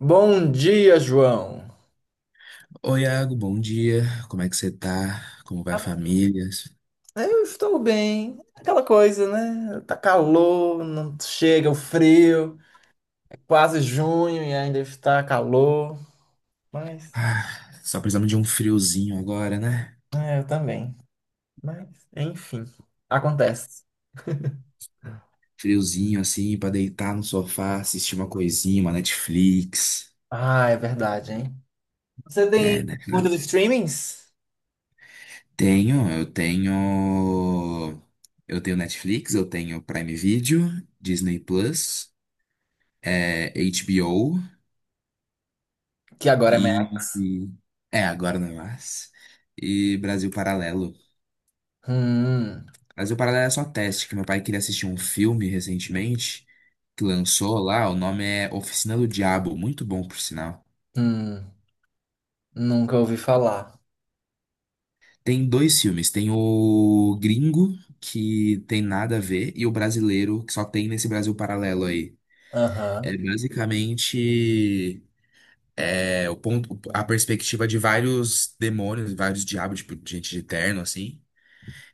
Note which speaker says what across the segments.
Speaker 1: Bom dia, João.
Speaker 2: Oi, Iago, bom dia. Como é que você tá? Como vai a
Speaker 1: Ah,
Speaker 2: família?
Speaker 1: Eu estou bem. Aquela coisa, né? Tá calor, não chega o frio. É quase junho e ainda está calor. Mas,
Speaker 2: Ah, só precisamos de um friozinho agora, né?
Speaker 1: eu também. Mas, enfim, acontece.
Speaker 2: Friozinho assim, pra deitar no sofá, assistir uma coisinha, uma Netflix.
Speaker 1: Ah, é verdade, hein? Você tem
Speaker 2: É, né?
Speaker 1: muitos streamings?
Speaker 2: Tenho, eu tenho. Eu tenho Netflix, eu tenho Prime Video, Disney Plus, HBO
Speaker 1: Que agora é merda.
Speaker 2: e. e- É, agora não é mais. E Brasil Paralelo.
Speaker 1: Hum,
Speaker 2: Mas o paralelo é só teste, que meu pai queria assistir um filme recentemente que lançou lá, o nome é Oficina do Diabo, muito bom por sinal.
Speaker 1: hum, nunca ouvi falar.
Speaker 2: Tem dois filmes, tem o gringo, que tem nada a ver, e o brasileiro, que só tem nesse Brasil Paralelo aí. É
Speaker 1: Aham.
Speaker 2: basicamente o ponto, a perspectiva de vários demônios, vários diabos, tipo, gente de terno, assim,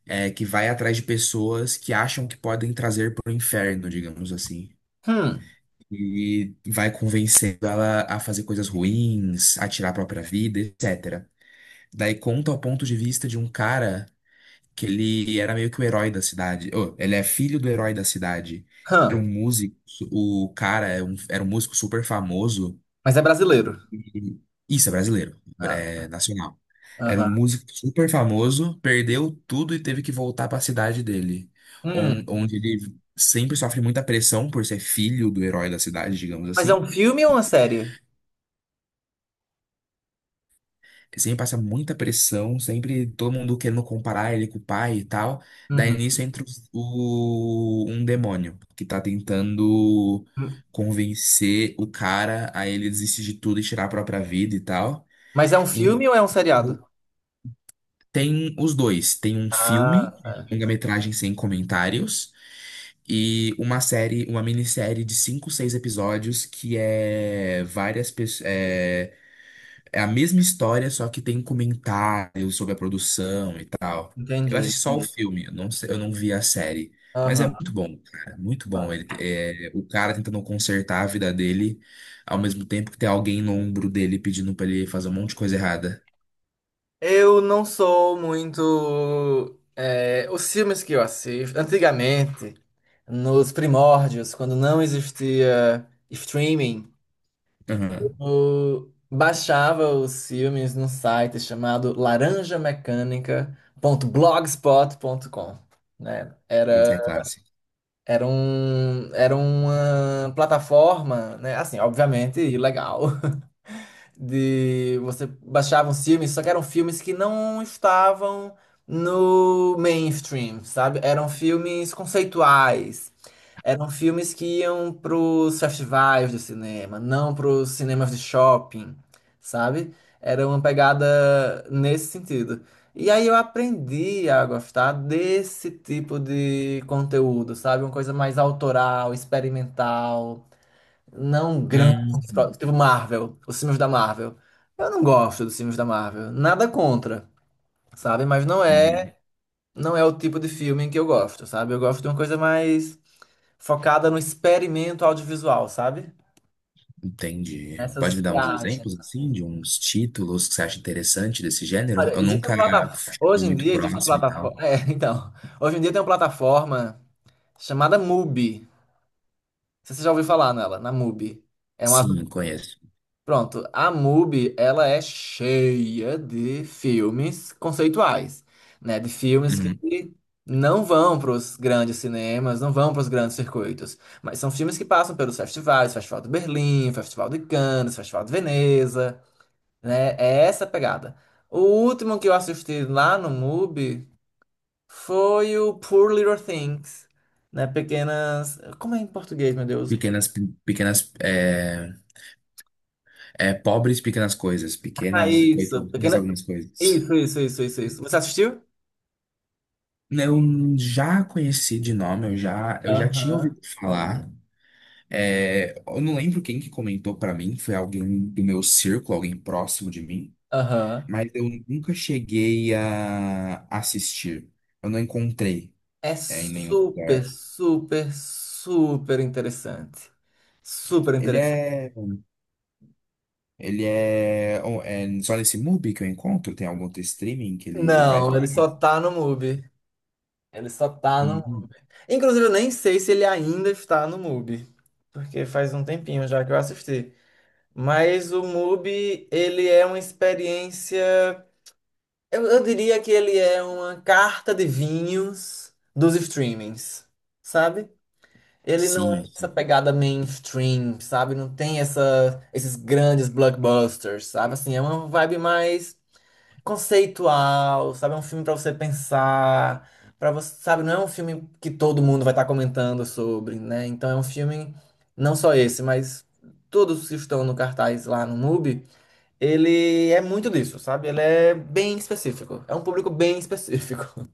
Speaker 2: que vai atrás de pessoas que acham que podem trazer para o inferno, digamos assim.
Speaker 1: Hum,
Speaker 2: E vai convencendo ela a fazer coisas ruins, a tirar a própria vida, etc. Daí conta o ponto de vista de um cara que ele era meio que o herói da cidade. Oh, ele é filho do herói da cidade. Era
Speaker 1: hum.
Speaker 2: um músico, o cara era um músico super famoso.
Speaker 1: Mas é brasileiro.
Speaker 2: e- Isso, é brasileiro,
Speaker 1: Ah,
Speaker 2: é nacional. Era um
Speaker 1: aham.
Speaker 2: músico super famoso, perdeu tudo e teve que voltar para a cidade dele,
Speaker 1: Hum,
Speaker 2: onde ele sempre sofre muita pressão por ser filho do herói da cidade, digamos
Speaker 1: mas é
Speaker 2: assim.
Speaker 1: um filme ou uma série?
Speaker 2: Sempre passa muita pressão, sempre todo mundo querendo comparar ele com o pai e tal. Daí
Speaker 1: Uhum.
Speaker 2: nisso entra um demônio que tá tentando convencer o cara a ele desistir de tudo e tirar a própria vida e tal.
Speaker 1: Mas é um
Speaker 2: E
Speaker 1: filme ou é um seriado?
Speaker 2: tem os dois, tem um
Speaker 1: Ah,
Speaker 2: filme,
Speaker 1: tá.
Speaker 2: longa-metragem sem comentários, e uma série, uma minissérie de cinco, seis episódios que é várias pessoas. É a mesma história, só que tem comentários sobre a produção e tal. Eu
Speaker 1: Entendi,
Speaker 2: assisti só o
Speaker 1: entendi.
Speaker 2: filme, eu não vi a série. Mas é
Speaker 1: Aham.
Speaker 2: muito bom, cara. Muito
Speaker 1: Aham.
Speaker 2: bom. O cara tentando consertar a vida dele, ao mesmo tempo que tem alguém no ombro dele pedindo pra ele fazer um monte de coisa errada.
Speaker 1: Eu não sou muito. É, os filmes que eu assisto, antigamente, nos primórdios, quando não existia streaming,
Speaker 2: Aham.
Speaker 1: eu baixava os filmes num site chamado laranjamecânica.blogspot.com, né?
Speaker 2: Esse é clássico.
Speaker 1: Era uma plataforma, né? Assim, obviamente ilegal, de você baixava uns filmes, só que eram filmes que não estavam no mainstream, sabe? Eram filmes conceituais. Eram filmes que iam pros festivais de cinema, não pros cinemas de shopping, sabe? Era uma pegada nesse sentido. E aí eu aprendi a gostar desse tipo de conteúdo, sabe? Uma coisa mais autoral, experimental, não grandes,
Speaker 2: Hum,
Speaker 1: tipo Marvel, os filmes da Marvel. Eu não gosto dos filmes da Marvel, nada contra, sabe? Mas não é,
Speaker 2: uhum,
Speaker 1: não é o tipo de filme que eu gosto, sabe? Eu gosto de uma coisa mais focada no experimento audiovisual, sabe?
Speaker 2: entendi. Pode
Speaker 1: Nessas
Speaker 2: me dar uns
Speaker 1: viagens,
Speaker 2: exemplos, assim,
Speaker 1: assim.
Speaker 2: de uns títulos que você acha interessante desse gênero?
Speaker 1: Olha,
Speaker 2: Eu
Speaker 1: existe uma
Speaker 2: nunca
Speaker 1: plataforma,
Speaker 2: fui
Speaker 1: hoje em
Speaker 2: muito
Speaker 1: dia existe uma
Speaker 2: próximo e
Speaker 1: plataforma,
Speaker 2: tal.
Speaker 1: então, hoje em dia tem uma plataforma chamada Mubi. Não sei se você já ouviu falar nela, na Mubi. É uma...
Speaker 2: Sim, conheço.
Speaker 1: Pronto, a MUBI, ela é cheia de filmes conceituais, né? De filmes
Speaker 2: Uhum.
Speaker 1: que não vão para os grandes cinemas, não vão para os grandes circuitos, mas são filmes que passam pelos festivais, Festival de Berlim, Festival de Cannes, Festival de Veneza, né? É essa a pegada. O último que eu assisti lá no MUBI foi o Poor Little Things, né? Pequenas... Como é em português, meu Deus?
Speaker 2: Pequenas, pequenas, pobres pequenas coisas,
Speaker 1: Ah,
Speaker 2: pequenas
Speaker 1: isso,
Speaker 2: coitadinhas
Speaker 1: pequena...
Speaker 2: algumas coisas.
Speaker 1: Isso, isso, isso, isso, isso. Você assistiu?
Speaker 2: Eu já conheci de nome, eu já tinha
Speaker 1: Aham,
Speaker 2: ouvido falar. É, eu não lembro quem que comentou pra mim, foi alguém do meu círculo, alguém próximo de mim,
Speaker 1: aham.
Speaker 2: mas eu nunca cheguei a assistir. Eu não encontrei,
Speaker 1: É
Speaker 2: em nenhum
Speaker 1: super,
Speaker 2: lugar.
Speaker 1: super, super interessante. Super
Speaker 2: Ele
Speaker 1: interessante.
Speaker 2: é, ele é, oh, é só nesse MUBI que eu encontro? Tem algum outro streaming que ele vai
Speaker 1: Não, ele
Speaker 2: para?
Speaker 1: só tá no MUBI. Ele só tá no. Inclusive, eu nem sei se ele ainda está no MUBI, porque faz um tempinho já que eu assisti. Mas o MUBI, ele é uma experiência. Eu diria que ele é uma carta de vinhos dos streamings, sabe? Ele não é
Speaker 2: Sim,
Speaker 1: essa
Speaker 2: sim.
Speaker 1: pegada mainstream, sabe? Não tem essa, esses grandes blockbusters, sabe? Assim, é uma vibe mais conceitual, sabe? É um filme pra você pensar, para você, sabe? Não é um filme que todo mundo vai estar comentando sobre, né? Então é um filme, não só esse, mas todos os que estão no cartaz lá no MUBI, ele é muito disso, sabe? Ele é bem específico. É um público bem específico.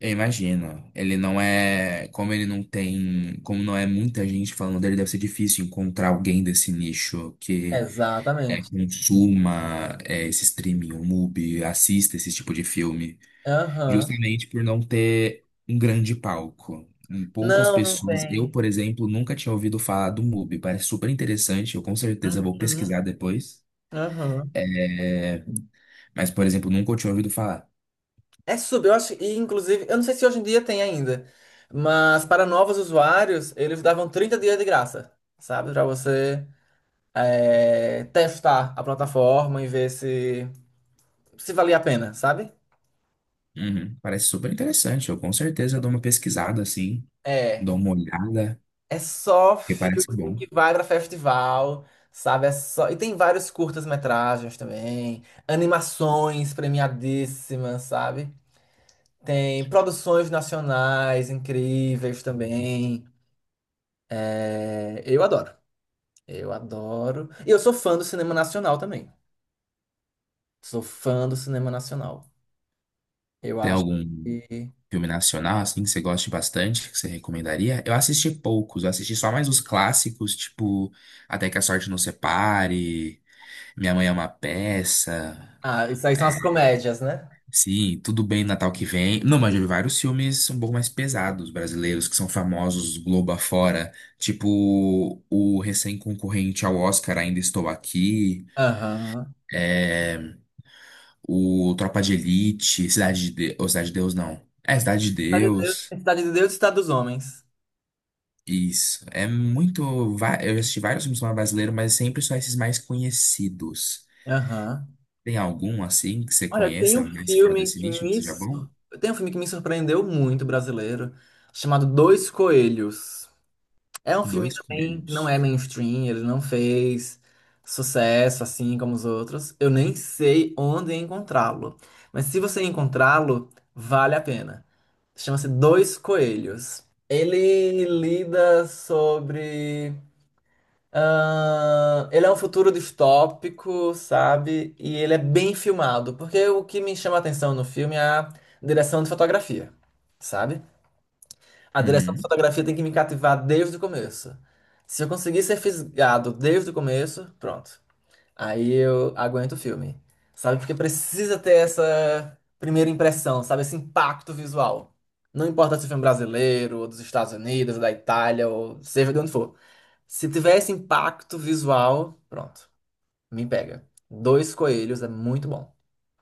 Speaker 2: Eu imagino. Ele não é. Como ele não tem. Como não é muita gente falando dele, deve ser difícil encontrar alguém desse nicho que
Speaker 1: Exatamente.
Speaker 2: consuma esse streaming, o MUBI, assista esse tipo de filme.
Speaker 1: Aham.
Speaker 2: Justamente por não ter um grande palco. Poucas
Speaker 1: Não, não
Speaker 2: pessoas. Eu,
Speaker 1: tem.
Speaker 2: por exemplo, nunca tinha ouvido falar do MUBI. Parece super interessante. Eu com certeza vou
Speaker 1: Uhum.
Speaker 2: pesquisar depois.
Speaker 1: Aham.
Speaker 2: É, mas, por exemplo, nunca eu tinha ouvido falar.
Speaker 1: É sub, eu acho, e inclusive, eu não sei se hoje em dia tem ainda, mas para novos usuários, eles davam 30 dias de graça, sabe? Para você testar a plataforma e ver se, se valia a pena, sabe?
Speaker 2: Uhum, parece super interessante. Eu com certeza dou uma pesquisada assim.
Speaker 1: É,
Speaker 2: Dou uma olhada,
Speaker 1: é só
Speaker 2: que parece
Speaker 1: filme
Speaker 2: bom.
Speaker 1: que vai para festival, sabe? É só, e tem vários curtas-metragens também, animações premiadíssimas, sabe? Tem produções nacionais incríveis também. É, eu adoro. Eu adoro. E eu sou fã do cinema nacional também. Sou fã do cinema nacional. Eu
Speaker 2: Tem
Speaker 1: acho
Speaker 2: algum
Speaker 1: que.
Speaker 2: filme nacional, assim, que você goste bastante, que você recomendaria? Eu assisti poucos, eu assisti só mais os clássicos, tipo Até que a Sorte Nos Separe, Minha Mãe é uma Peça,
Speaker 1: Ah, isso aí são as comédias, né?
Speaker 2: sim, Tudo Bem Natal que Vem. Não, mas eu vi vários filmes um pouco mais pesados, brasileiros, que são famosos Globo afora, tipo o recém-concorrente ao Oscar Ainda Estou Aqui.
Speaker 1: Aham.
Speaker 2: é, o Tropa de Elite, Cidade de Deus, ou Cidade de Deus não. É, Cidade de Deus.
Speaker 1: Cidade de Deus e Cidade dos Homens.
Speaker 2: Isso. É muito. Eu já assisti vários filmes do cinema brasileiro, mas é sempre são esses mais conhecidos.
Speaker 1: Aham.
Speaker 2: Tem algum assim que você
Speaker 1: Olha, tem
Speaker 2: conheça,
Speaker 1: um
Speaker 2: nesse fora
Speaker 1: filme
Speaker 2: desse
Speaker 1: que
Speaker 2: nicho, que
Speaker 1: me.
Speaker 2: seja bom?
Speaker 1: Sur- Tem um filme que me surpreendeu muito, brasileiro, chamado Dois Coelhos. É um filme
Speaker 2: Dois
Speaker 1: também que não é
Speaker 2: primeiros.
Speaker 1: mainstream, ele não fez sucesso assim como os outros. Eu nem sei onde encontrá-lo. Mas se você encontrá-lo, vale a pena. Chama-se Dois Coelhos. Ele lida sobre. Ah, ele é um futuro distópico, sabe? E ele é bem filmado. Porque o que me chama a atenção no filme é a direção de fotografia, sabe? A direção de
Speaker 2: Uhum.
Speaker 1: fotografia tem que me cativar desde o começo. Se eu conseguir ser fisgado desde o começo, pronto. Aí eu aguento o filme. Sabe? Porque precisa ter essa primeira impressão, sabe? Esse impacto visual. Não importa se o filme é brasileiro, ou dos Estados Unidos, ou da Itália, ou seja de onde for. Se tiver esse impacto visual, pronto. Me pega. Dois Coelhos é muito bom.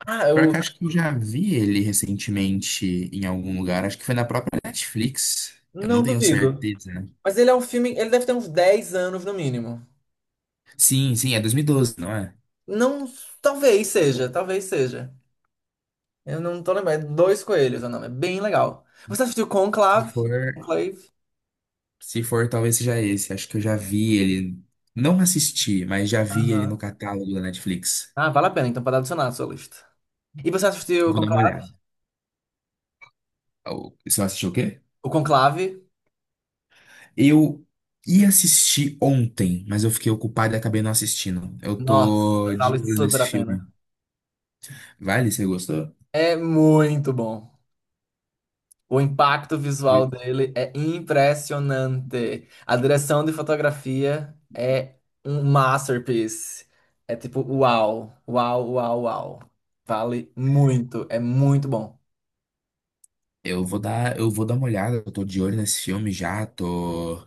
Speaker 1: Ah,
Speaker 2: Pior que
Speaker 1: eu
Speaker 2: eu acho que eu já vi ele recentemente em algum lugar. Acho que foi na própria Netflix. Eu não
Speaker 1: não
Speaker 2: tenho
Speaker 1: duvido.
Speaker 2: certeza.
Speaker 1: Mas ele é um filme, ele deve ter uns 10 anos no mínimo.
Speaker 2: Sim, sim, é 2012, não é?
Speaker 1: Não, talvez seja, talvez seja. Eu não tô lembrando. É Dois Coelhos é o nome. É bem legal. Você assistiu
Speaker 2: Se
Speaker 1: Conclave?
Speaker 2: for.
Speaker 1: Conclave?
Speaker 2: Se for, talvez seja esse. Acho que eu já vi ele. Não assisti, mas já vi ele
Speaker 1: Aham.
Speaker 2: no catálogo da Netflix.
Speaker 1: Ah, vale a pena, então, para adicionar a sua lista. E você assistiu
Speaker 2: Vou dar uma olhada. Você assistiu o quê?
Speaker 1: O Conclave?
Speaker 2: Eu ia assistir ontem, mas eu fiquei ocupado e acabei não assistindo. Eu
Speaker 1: Nossa,
Speaker 2: tô de
Speaker 1: vale
Speaker 2: olho
Speaker 1: super
Speaker 2: nesse
Speaker 1: a pena.
Speaker 2: filme. Vale, você gostou?
Speaker 1: É muito bom. O impacto visual dele é impressionante. A direção de fotografia é um masterpiece. É tipo, uau, uau, uau, uau. Vale muito, é muito bom.
Speaker 2: Eu vou dar uma olhada. Eu tô de olho nesse filme já. Tô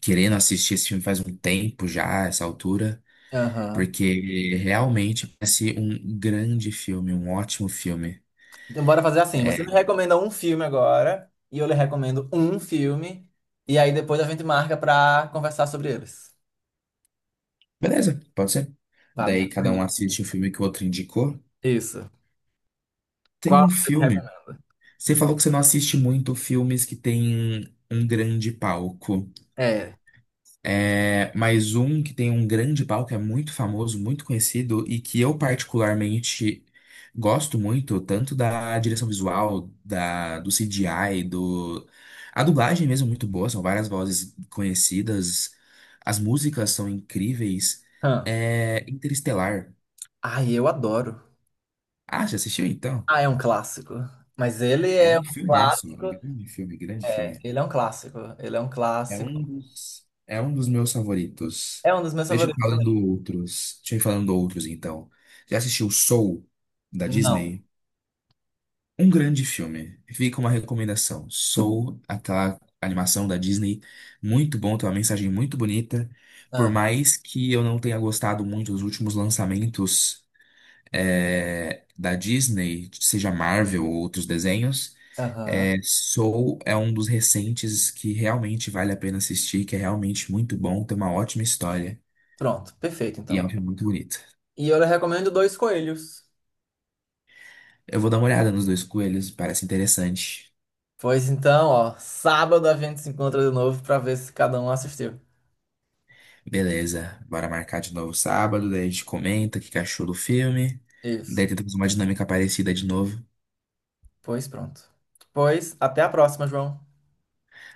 Speaker 2: querendo assistir esse filme faz um tempo já, essa altura.
Speaker 1: Aham.
Speaker 2: Porque realmente parece um grande filme, um ótimo filme.
Speaker 1: Então, bora fazer assim. Você me recomenda um filme agora, e eu lhe recomendo um filme, e aí depois a gente marca pra conversar sobre eles.
Speaker 2: Beleza, pode ser.
Speaker 1: Tá, me
Speaker 2: Daí cada um
Speaker 1: recomende.
Speaker 2: assiste o filme que o outro indicou.
Speaker 1: Isso.
Speaker 2: Tem
Speaker 1: Qual
Speaker 2: um
Speaker 1: você me
Speaker 2: filme.
Speaker 1: recomenda?
Speaker 2: Você falou que você não assiste muito filmes que tem um grande palco.
Speaker 1: É.
Speaker 2: É, mas um que tem um grande palco é muito famoso, muito conhecido e que eu particularmente gosto muito, tanto da direção visual, da, do CGI, do... A dublagem mesmo é muito boa, são várias vozes conhecidas, as músicas são incríveis.
Speaker 1: Hum.
Speaker 2: É Interestelar.
Speaker 1: Ai, eu adoro.
Speaker 2: Ah, já assistiu então?
Speaker 1: Ah, é um clássico. Mas ele
Speaker 2: É
Speaker 1: é
Speaker 2: um
Speaker 1: um
Speaker 2: filmaço,
Speaker 1: clássico.
Speaker 2: mano. Grande filme, grande
Speaker 1: É,
Speaker 2: filme.
Speaker 1: ele é um clássico. Ele é um
Speaker 2: É
Speaker 1: clássico.
Speaker 2: um dos, é um dos meus favoritos.
Speaker 1: É um dos meus
Speaker 2: Deixa eu ir
Speaker 1: favoritos
Speaker 2: falando
Speaker 1: também.
Speaker 2: outros. Deixa eu ir falando outros, então. Já assistiu Soul, da
Speaker 1: Não.
Speaker 2: Disney? Um grande filme. Fica uma recomendação. Soul, aquela animação da Disney, muito bom, tem uma mensagem muito bonita. Por
Speaker 1: Ah,
Speaker 2: mais que eu não tenha gostado muito dos últimos lançamentos, da Disney, seja Marvel ou outros desenhos.
Speaker 1: aham.
Speaker 2: É, Soul é um dos recentes que realmente vale a pena assistir, que é realmente muito bom, tem uma ótima história
Speaker 1: Pronto, perfeito
Speaker 2: e é
Speaker 1: então.
Speaker 2: um filme muito bonito.
Speaker 1: E eu lhe recomendo Dois Coelhos.
Speaker 2: Eu vou dar uma olhada nos Dois Coelhos, parece interessante.
Speaker 1: Pois então, ó, sábado a gente se encontra de novo pra ver se cada um assistiu.
Speaker 2: Beleza, bora marcar de novo sábado, daí a gente comenta o que que achou do filme, daí
Speaker 1: Isso.
Speaker 2: tentamos uma dinâmica parecida de novo.
Speaker 1: Pois pronto. Pois, até a próxima, João.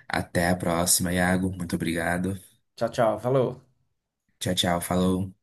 Speaker 2: Até a próxima, Iago, muito obrigado.
Speaker 1: Tchau, tchau. Falou.
Speaker 2: Tchau, tchau, falou.